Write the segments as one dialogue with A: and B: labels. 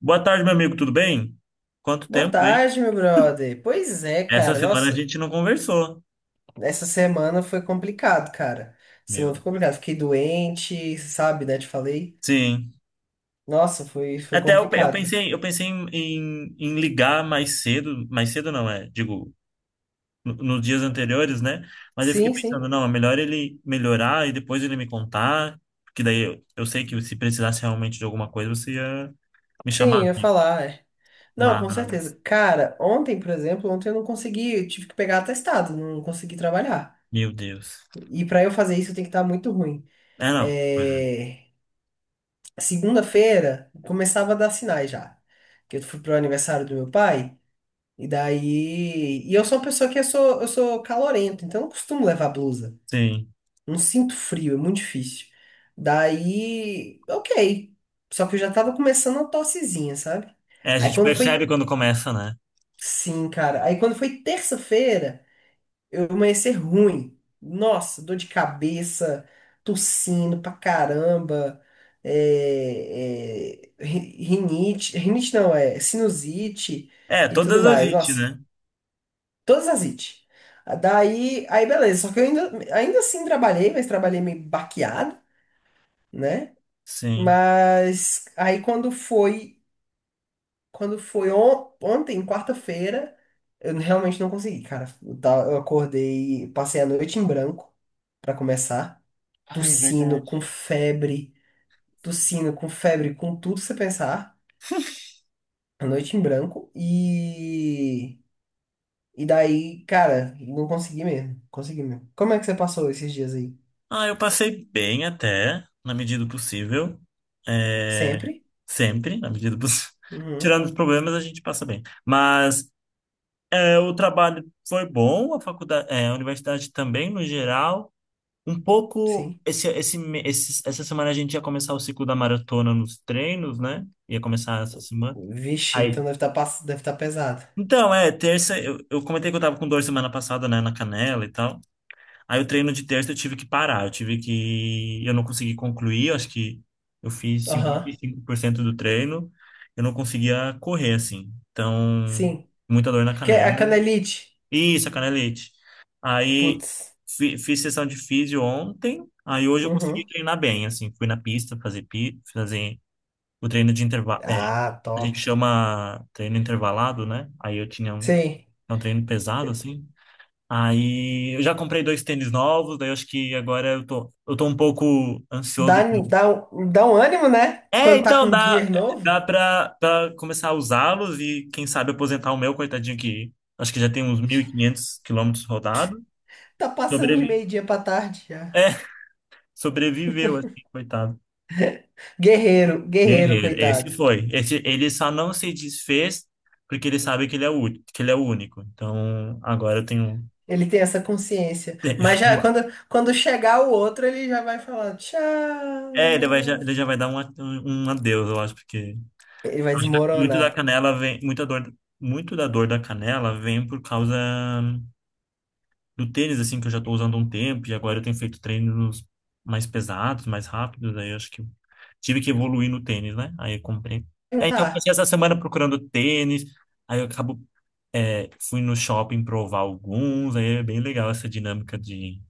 A: Boa tarde, meu amigo, tudo bem? Quanto
B: Boa
A: tempo, hein?
B: tarde, meu brother. Pois é,
A: Essa
B: cara.
A: semana a
B: Nossa,
A: gente não conversou.
B: essa semana foi complicado, cara.
A: Meu
B: Semana foi
A: Deus.
B: complicado. Fiquei doente, sabe, né? Te falei.
A: Sim.
B: Nossa, foi
A: Até eu, pe-
B: complicado.
A: eu pensei em, em- em ligar mais cedo não é, digo, nos dias anteriores, né? Mas eu fiquei
B: Sim,
A: pensando,
B: sim.
A: não, é melhor ele melhorar e depois ele me contar, porque daí eu sei que se precisasse realmente de alguma coisa, você ia me
B: Sim,
A: chamar,
B: eu ia
A: né?
B: falar, é. Não, com
A: Mas,
B: certeza. Cara, ontem, por exemplo, ontem eu não consegui, eu tive que pegar atestado, não consegui trabalhar.
A: meu Deus.
B: E pra eu fazer isso, eu tenho que estar muito ruim.
A: É, não. Pois é.
B: É... Segunda-feira, começava a dar sinais já. Que eu fui pro aniversário do meu pai. E daí. E eu sou uma pessoa que eu sou calorento, então eu não costumo levar blusa.
A: Sim.
B: Não sinto frio, é muito difícil. Daí, ok. Só que eu já tava começando uma tossezinha, sabe?
A: É, a
B: Aí
A: gente
B: quando
A: percebe
B: foi.
A: quando começa, né?
B: Sim, cara. Aí quando foi terça-feira, eu amanheci ruim. Nossa, dor de cabeça, tossindo pra caramba. É, é, rinite. Rinite não, é sinusite
A: É,
B: e tudo
A: todas as
B: mais.
A: it,
B: Nossa.
A: né?
B: Todas as IT. Daí, aí beleza. Só que eu ainda assim trabalhei, mas trabalhei meio baqueado, né?
A: Sim.
B: Mas aí quando foi ontem, quarta-feira, eu realmente não consegui, cara. Eu acordei, passei a noite em branco pra começar,
A: Ah, é
B: tossindo
A: verdade.
B: com febre, tossindo com febre, com tudo que você pensar, a noite em branco e daí, cara, não consegui mesmo, consegui mesmo. Como é que você passou esses dias aí?
A: Ah, eu passei bem até, na medida do possível. É,
B: Sempre?
A: sempre, na medida do possível.
B: Uhum,
A: Tirando os problemas, a gente passa bem. Mas é, o trabalho foi bom, a faculdade, é, a universidade também, no geral. Um pouco,
B: sim.
A: esse, me- esse- essa semana a gente ia começar o ciclo da maratona nos treinos, né? Ia começar essa semana.
B: Vixe, então
A: Aí,
B: deve tá pesado.
A: então, é, terça, eu comentei que eu tava com dor semana passada, né, na canela e tal. Aí o treino de terça eu tive que parar, eu tive que. Eu não consegui concluir, eu acho que eu fiz cinquenta
B: Aham,
A: e cinco por cento do treino, eu não conseguia correr, assim. Então,
B: sim.
A: muita dor na
B: Que é
A: canela.
B: a canelite.
A: Isso, a canelite. Aí
B: Putz.
A: fi- fiz sessão de físio ontem, aí hoje eu consegui
B: Uhum.
A: treinar bem, assim. Fui na pista fazer o treino de intervalo. É,
B: Ah,
A: a
B: top.
A: gente chama treino intervalado, né? Aí eu tinha um,
B: Sim.
A: é um treino pesado, assim. Aí eu já comprei dois tênis novos, daí eu acho que agora eu tô um pouco
B: Dá,
A: ansioso.
B: dá um ânimo, né?
A: É,
B: Quando tá
A: então
B: com
A: dá,
B: gear novo.
A: dá pra, pra começar a usá-los e quem sabe aposentar o meu, coitadinho, que acho que já tem uns 1.500 quilômetros rodados.
B: Tá passando de
A: Sobrevi...
B: meio-dia pra tarde
A: É,
B: já.
A: sobreviveu, assim, coitado.
B: Guerreiro, guerreiro,
A: Guerreiro, esse
B: coitado.
A: foi. Esse, ele só não se desfez porque ele sabe que ele é o único. Então agora eu tenho.
B: Ele tem essa consciência. Mas já quando chegar o outro, ele já vai falar tchau.
A: É, ele vai, já, ele já vai dar um adeus, eu acho, porque.
B: Ele vai
A: Acho que muito da
B: desmoronar.
A: canela vem, muita dor, muito da dor da canela vem por causa do tênis, assim, que eu já tô usando há um tempo e agora eu tenho feito treinos mais pesados, mais rápidos, aí eu acho que tive que evoluir no tênis, né? Aí eu comprei.
B: Não
A: Aí, então eu passei
B: tá.
A: essa semana procurando tênis, aí eu acabo, é, fui no shopping provar alguns, aí é bem legal essa dinâmica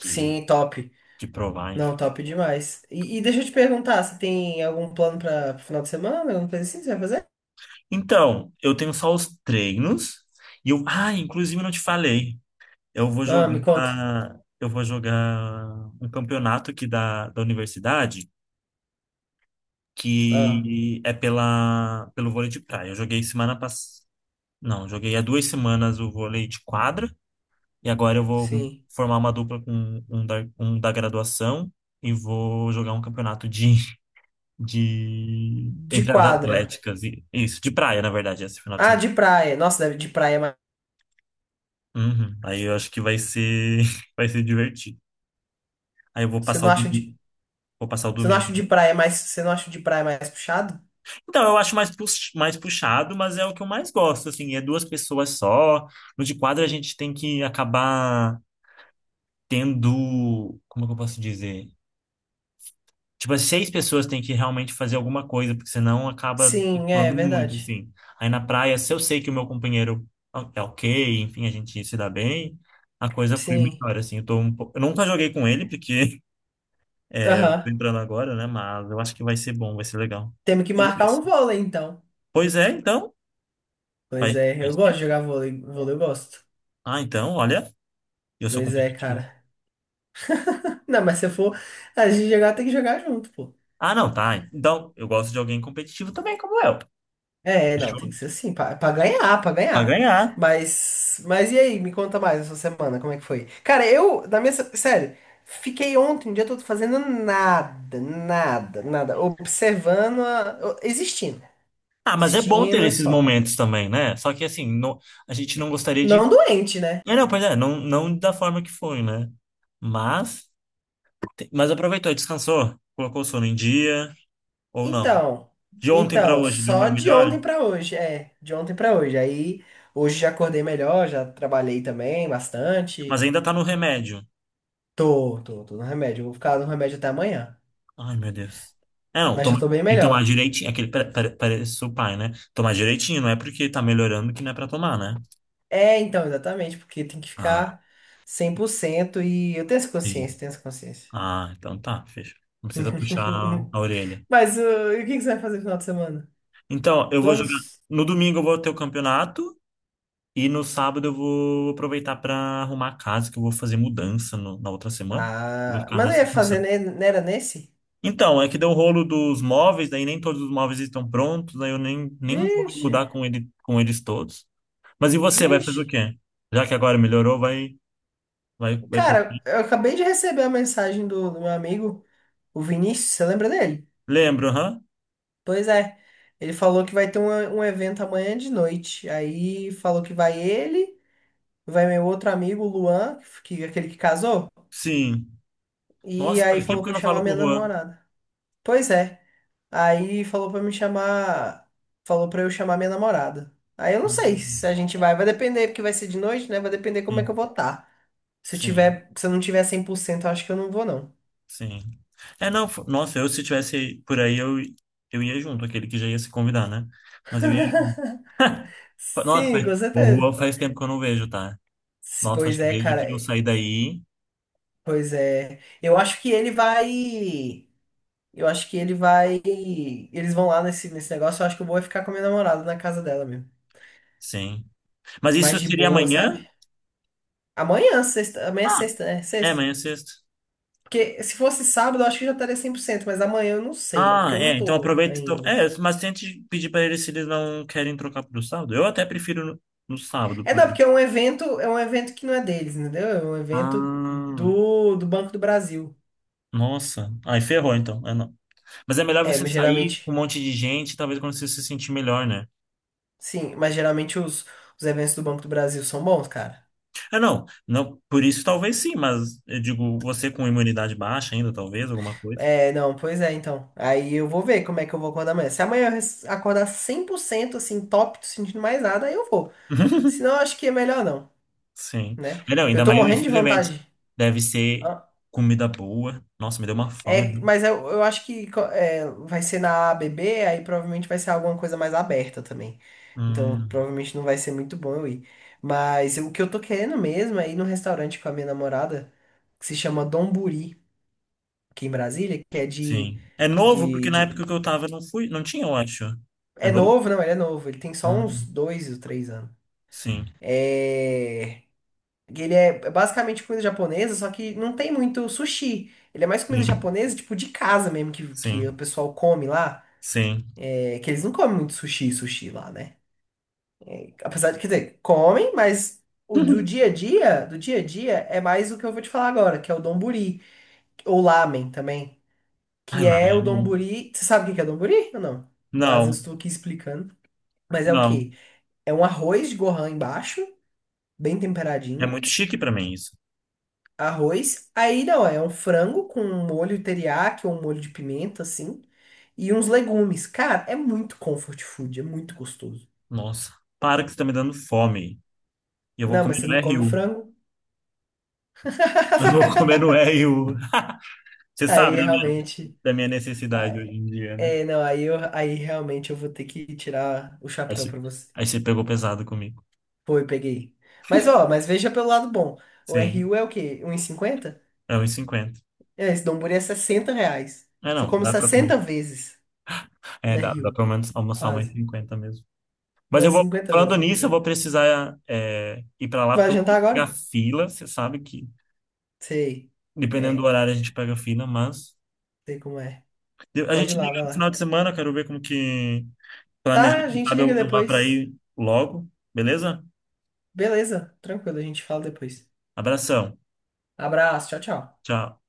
A: de,
B: top.
A: de provar,
B: Não,
A: enfim.
B: top demais. E deixa eu te perguntar, você tem algum plano para final de semana? Alguma coisa assim que você vai fazer?
A: Então, eu tenho só os treinos, e eu, ah, inclusive eu não te falei. Eu vou
B: Ah, me conta.
A: jogar, eu vou jogar um campeonato aqui da universidade,
B: Ah,
A: que é pela, pelo vôlei de praia. Eu joguei semana passada. Não, joguei há 2 semanas o vôlei de quadra e agora eu vou
B: sim.
A: formar uma dupla com um da graduação e vou jogar um campeonato de, de
B: De
A: entre as
B: quadra.
A: atléticas e isso, de praia, na verdade, esse final de
B: Ah,
A: semana.
B: de praia. Nossa, de praia é mais.
A: Uhum. Aí eu acho que vai ser vai ser divertido. Aí eu vou
B: Você
A: passar
B: não
A: o
B: acha
A: domingo,
B: de,
A: vou passar o domingo.
B: você não acha de praia mais puxado?
A: Então, eu acho mais puxado, mas é o que eu mais gosto, assim, é duas pessoas só. No de quadra a gente tem que acabar tendo, como é que eu posso dizer? Tipo, as seis pessoas têm que realmente fazer alguma coisa, porque senão acaba
B: Sim, é
A: flutuando muito,
B: verdade.
A: assim. Aí na praia, se eu sei que o meu companheiro é ok, enfim, a gente se dá bem, a coisa flui
B: Sim.
A: melhor, assim. Eu tô um pouco... Eu nunca joguei com ele, porque é, eu tô
B: Aham.
A: entrando agora, né? Mas eu acho que vai ser bom, vai ser legal.
B: Temos que
A: E-
B: marcar um vôlei, então.
A: pois é, então, vai
B: Pois é,
A: vai
B: eu
A: ser.
B: gosto de jogar vôlei. Vôlei eu gosto.
A: Ah, então, olha, eu sou
B: Pois é,
A: competitivo.
B: cara. Não, mas se eu for a gente jogar, tem que jogar junto, pô.
A: Ah, não, tá. Então, eu gosto de alguém competitivo também, como eu.
B: É, não, tem
A: Fechou?
B: que ser assim, pra ganhar, pra
A: Pra
B: ganhar.
A: ganhar.
B: Mas e aí, me conta mais essa semana, como é que foi? Cara, eu, na minha, sério, fiquei ontem o dia todo fazendo nada, nada, nada, observando, existindo,
A: Ah, mas é bom ter
B: existindo e
A: esses
B: só.
A: momentos também, né? Só que assim, não- a gente não gostaria
B: Não
A: de.
B: doente, né?
A: É, não, pois é, não, não da forma que foi, né? Mas, mas aproveitou, descansou, colocou o sono em dia, ou não?
B: Então,
A: De ontem pra hoje,
B: só
A: dormiu
B: de
A: melhor,
B: ontem pra hoje, é, de ontem pra hoje. Aí, hoje já acordei melhor, já trabalhei também
A: mas
B: bastante.
A: ainda tá no remédio.
B: Tô no remédio, vou ficar no remédio até amanhã,
A: Ai, meu Deus. É, não,
B: mas já
A: toma,
B: tô bem
A: e tomar
B: melhor.
A: direitinho, é aquele, parece o pai, né? Tomar direitinho, não é porque tá melhorando que não é pra tomar, né?
B: É, então, exatamente, porque tem que
A: Ah.
B: ficar 100% e eu tenho essa
A: Sim.
B: consciência, tenho essa consciência.
A: Ah, então tá, fecha. Não precisa puxar a orelha.
B: Mas e o que que você vai fazer no final de semana?
A: Então, eu vou jogar.
B: Planos?
A: No domingo eu vou ter o campeonato e no sábado eu vou aproveitar para arrumar a casa, que eu vou fazer mudança na outra semana. Eu vou
B: Ah,
A: ficar
B: mas não
A: nessa
B: ia fazer,
A: função.
B: né? Não era nesse?
A: Então, é que deu o rolo dos móveis, daí nem todos os móveis estão prontos, aí eu nem vou me
B: Vixe,
A: mudar com ele, com eles todos. Mas e você, vai
B: vixe.
A: fazer o quê? Já que agora melhorou, vai
B: Cara,
A: curtir.
B: eu acabei de receber a mensagem do meu amigo, o Vinícius, você lembra dele?
A: Lembro, aham?
B: Pois é, ele falou que vai ter um, um evento amanhã de noite. Aí falou que vai ele, vai meu outro amigo, o Luan, aquele que casou.
A: Sim.
B: E
A: Nossa,
B: aí
A: faz tempo
B: falou
A: que
B: pra
A: eu
B: eu
A: não falo
B: chamar
A: com
B: minha
A: o Juan.
B: namorada. Pois é. Aí falou pra me chamar. Falou pra eu chamar minha namorada. Aí eu não sei se a
A: Uhum.
B: gente vai. Vai depender, porque vai ser de noite, né? Vai depender como é que eu
A: Sim,
B: vou estar. Se eu
A: sim.
B: tiver, se eu não tiver 100%, eu acho que eu não vou, não.
A: Sim. É, não, fo- nossa, eu se tivesse por aí, eu ia junto, aquele que já ia se convidar, né? Mas eu ia junto. Fa- nossa,
B: Sim,
A: faz,
B: com
A: o Juan
B: certeza.
A: faz tempo que eu não vejo, tá? Nossa, acho
B: Pois
A: que
B: é,
A: desde
B: cara.
A: que eu saí daí,
B: Pois é. Eu acho que ele vai. Eu acho que ele vai. Eles vão lá nesse negócio. Eu acho que eu vou ficar com a minha namorada na casa dela mesmo.
A: sim. Mas isso
B: Mais de
A: seria
B: boa,
A: amanhã?
B: sabe? Amanhã, sexta. Amanhã é
A: Ah,
B: sexta, né?
A: é,
B: Sexta.
A: amanhã é sexta.
B: Porque se fosse sábado, eu acho que já estaria 100%, mas amanhã eu não sei, porque
A: Ah,
B: eu não
A: é, então
B: tô
A: aproveita. Então,
B: ainda.
A: é, mas tente pedir pra eles se eles não querem trocar pro sábado. Eu até prefiro no, no sábado
B: É,
A: pro
B: não,
A: domingo.
B: porque é um evento que não é deles, entendeu? É um evento
A: Ah,
B: do Banco do Brasil.
A: nossa. Aí ferrou, então. É, não. Mas é melhor
B: É,
A: você
B: mas
A: sair com um
B: geralmente,
A: monte de gente, talvez quando você se sentir melhor, né?
B: sim, mas geralmente os eventos do Banco do Brasil são bons, cara.
A: É, não, não, por isso talvez sim, mas eu digo, você com imunidade baixa ainda, talvez, alguma coisa.
B: É, não, pois é, então. Aí eu vou ver como é que eu vou acordar amanhã. Se amanhã eu acordar 100% assim, top, tô sentindo mais nada, aí eu vou. Senão eu acho que é melhor não,
A: Sim.
B: né?
A: É, não,
B: Eu
A: ainda
B: tô
A: mais
B: morrendo de
A: esses eventos.
B: vontade.
A: Deve ser comida boa. Nossa, me deu uma fome,
B: É,
A: né?
B: mas eu acho que é, vai ser na ABB, aí provavelmente vai ser alguma coisa mais aberta também. Então,
A: Hum,
B: provavelmente não vai ser muito bom eu ir. Mas o que eu tô querendo mesmo é ir num restaurante com a minha namorada, que se chama Donburi, aqui em Brasília, que é de,
A: sim. É novo,
B: de,
A: porque na
B: de...
A: época que eu tava não fui, não tinha, eu acho. É
B: É
A: novo?
B: novo, não, ele é novo. Ele tem só uns
A: Hum,
B: 2 ou 3 anos.
A: sim,
B: É, ele é basicamente comida japonesa, só que não tem muito sushi. Ele é mais comida
A: sim,
B: japonesa, tipo, de casa mesmo, que o
A: sim,
B: pessoal come lá.
A: sim.
B: É que eles não comem muito sushi e sushi lá, né? Apesar de, quer dizer, comem, mas o do dia a dia, do dia a dia, é mais o que eu vou te falar agora, que é o donburi, ou lamen também,
A: Ai
B: que
A: lá, meu
B: é o
A: irmão.
B: donburi. Você sabe o que que é donburi ou não? Às vezes eu
A: Não,
B: estou aqui explicando. Mas é o
A: não.
B: quê? É um arroz de gohan embaixo, bem
A: É
B: temperadinho.
A: muito chique pra mim isso.
B: Arroz. Aí não, é um frango com um molho teriyaki ou um molho de pimenta, assim. E uns legumes. Cara, é muito comfort food, é muito gostoso.
A: Nossa, para que você tá me dando fome. E eu vou
B: Não, mas
A: comer
B: você
A: no
B: não come
A: RU.
B: frango?
A: Eu vou comer no R1. Você
B: Aí
A: sabe
B: realmente.
A: da minha
B: Ah,
A: necessidade hoje em dia, né?
B: é, não, aí, eu, aí realmente eu vou ter que tirar o
A: Aí
B: chapéu
A: você,
B: pra você.
A: aí você pegou pesado comigo.
B: Foi, peguei. Mas ó, mas veja pelo lado bom. O
A: Sim,
B: RU é o quê? 1,50?
A: é 1,50.
B: É, esse Donburi é R$ 60.
A: É,
B: Você
A: não,
B: come
A: dá pra
B: 60
A: comer.
B: vezes
A: É,
B: na
A: dá, dá
B: Rio.
A: pelo menos almoçar mais
B: Quase.
A: 50 mesmo. Mas eu
B: Umas
A: vou,
B: 50 vezes,
A: falando
B: vamos
A: nisso, eu vou
B: dizer.
A: precisar é, ir pra lá,
B: Tu vai
A: porque eu não
B: jantar
A: quero
B: agora?
A: pegar fila. Você sabe que,
B: Sei.
A: dependendo do
B: É,
A: horário, a gente pega fila, mas...
B: sei como é.
A: A
B: Pode ir
A: gente
B: lá,
A: liga
B: vai
A: no final
B: lá.
A: de semana, eu quero ver como que planeja.
B: Tá, a
A: Quem
B: gente
A: sabe
B: liga
A: eu vá pra
B: depois.
A: aí logo, beleza?
B: Beleza, tranquilo, a gente fala depois.
A: Abração.
B: Abraço, tchau, tchau.
A: Tchau.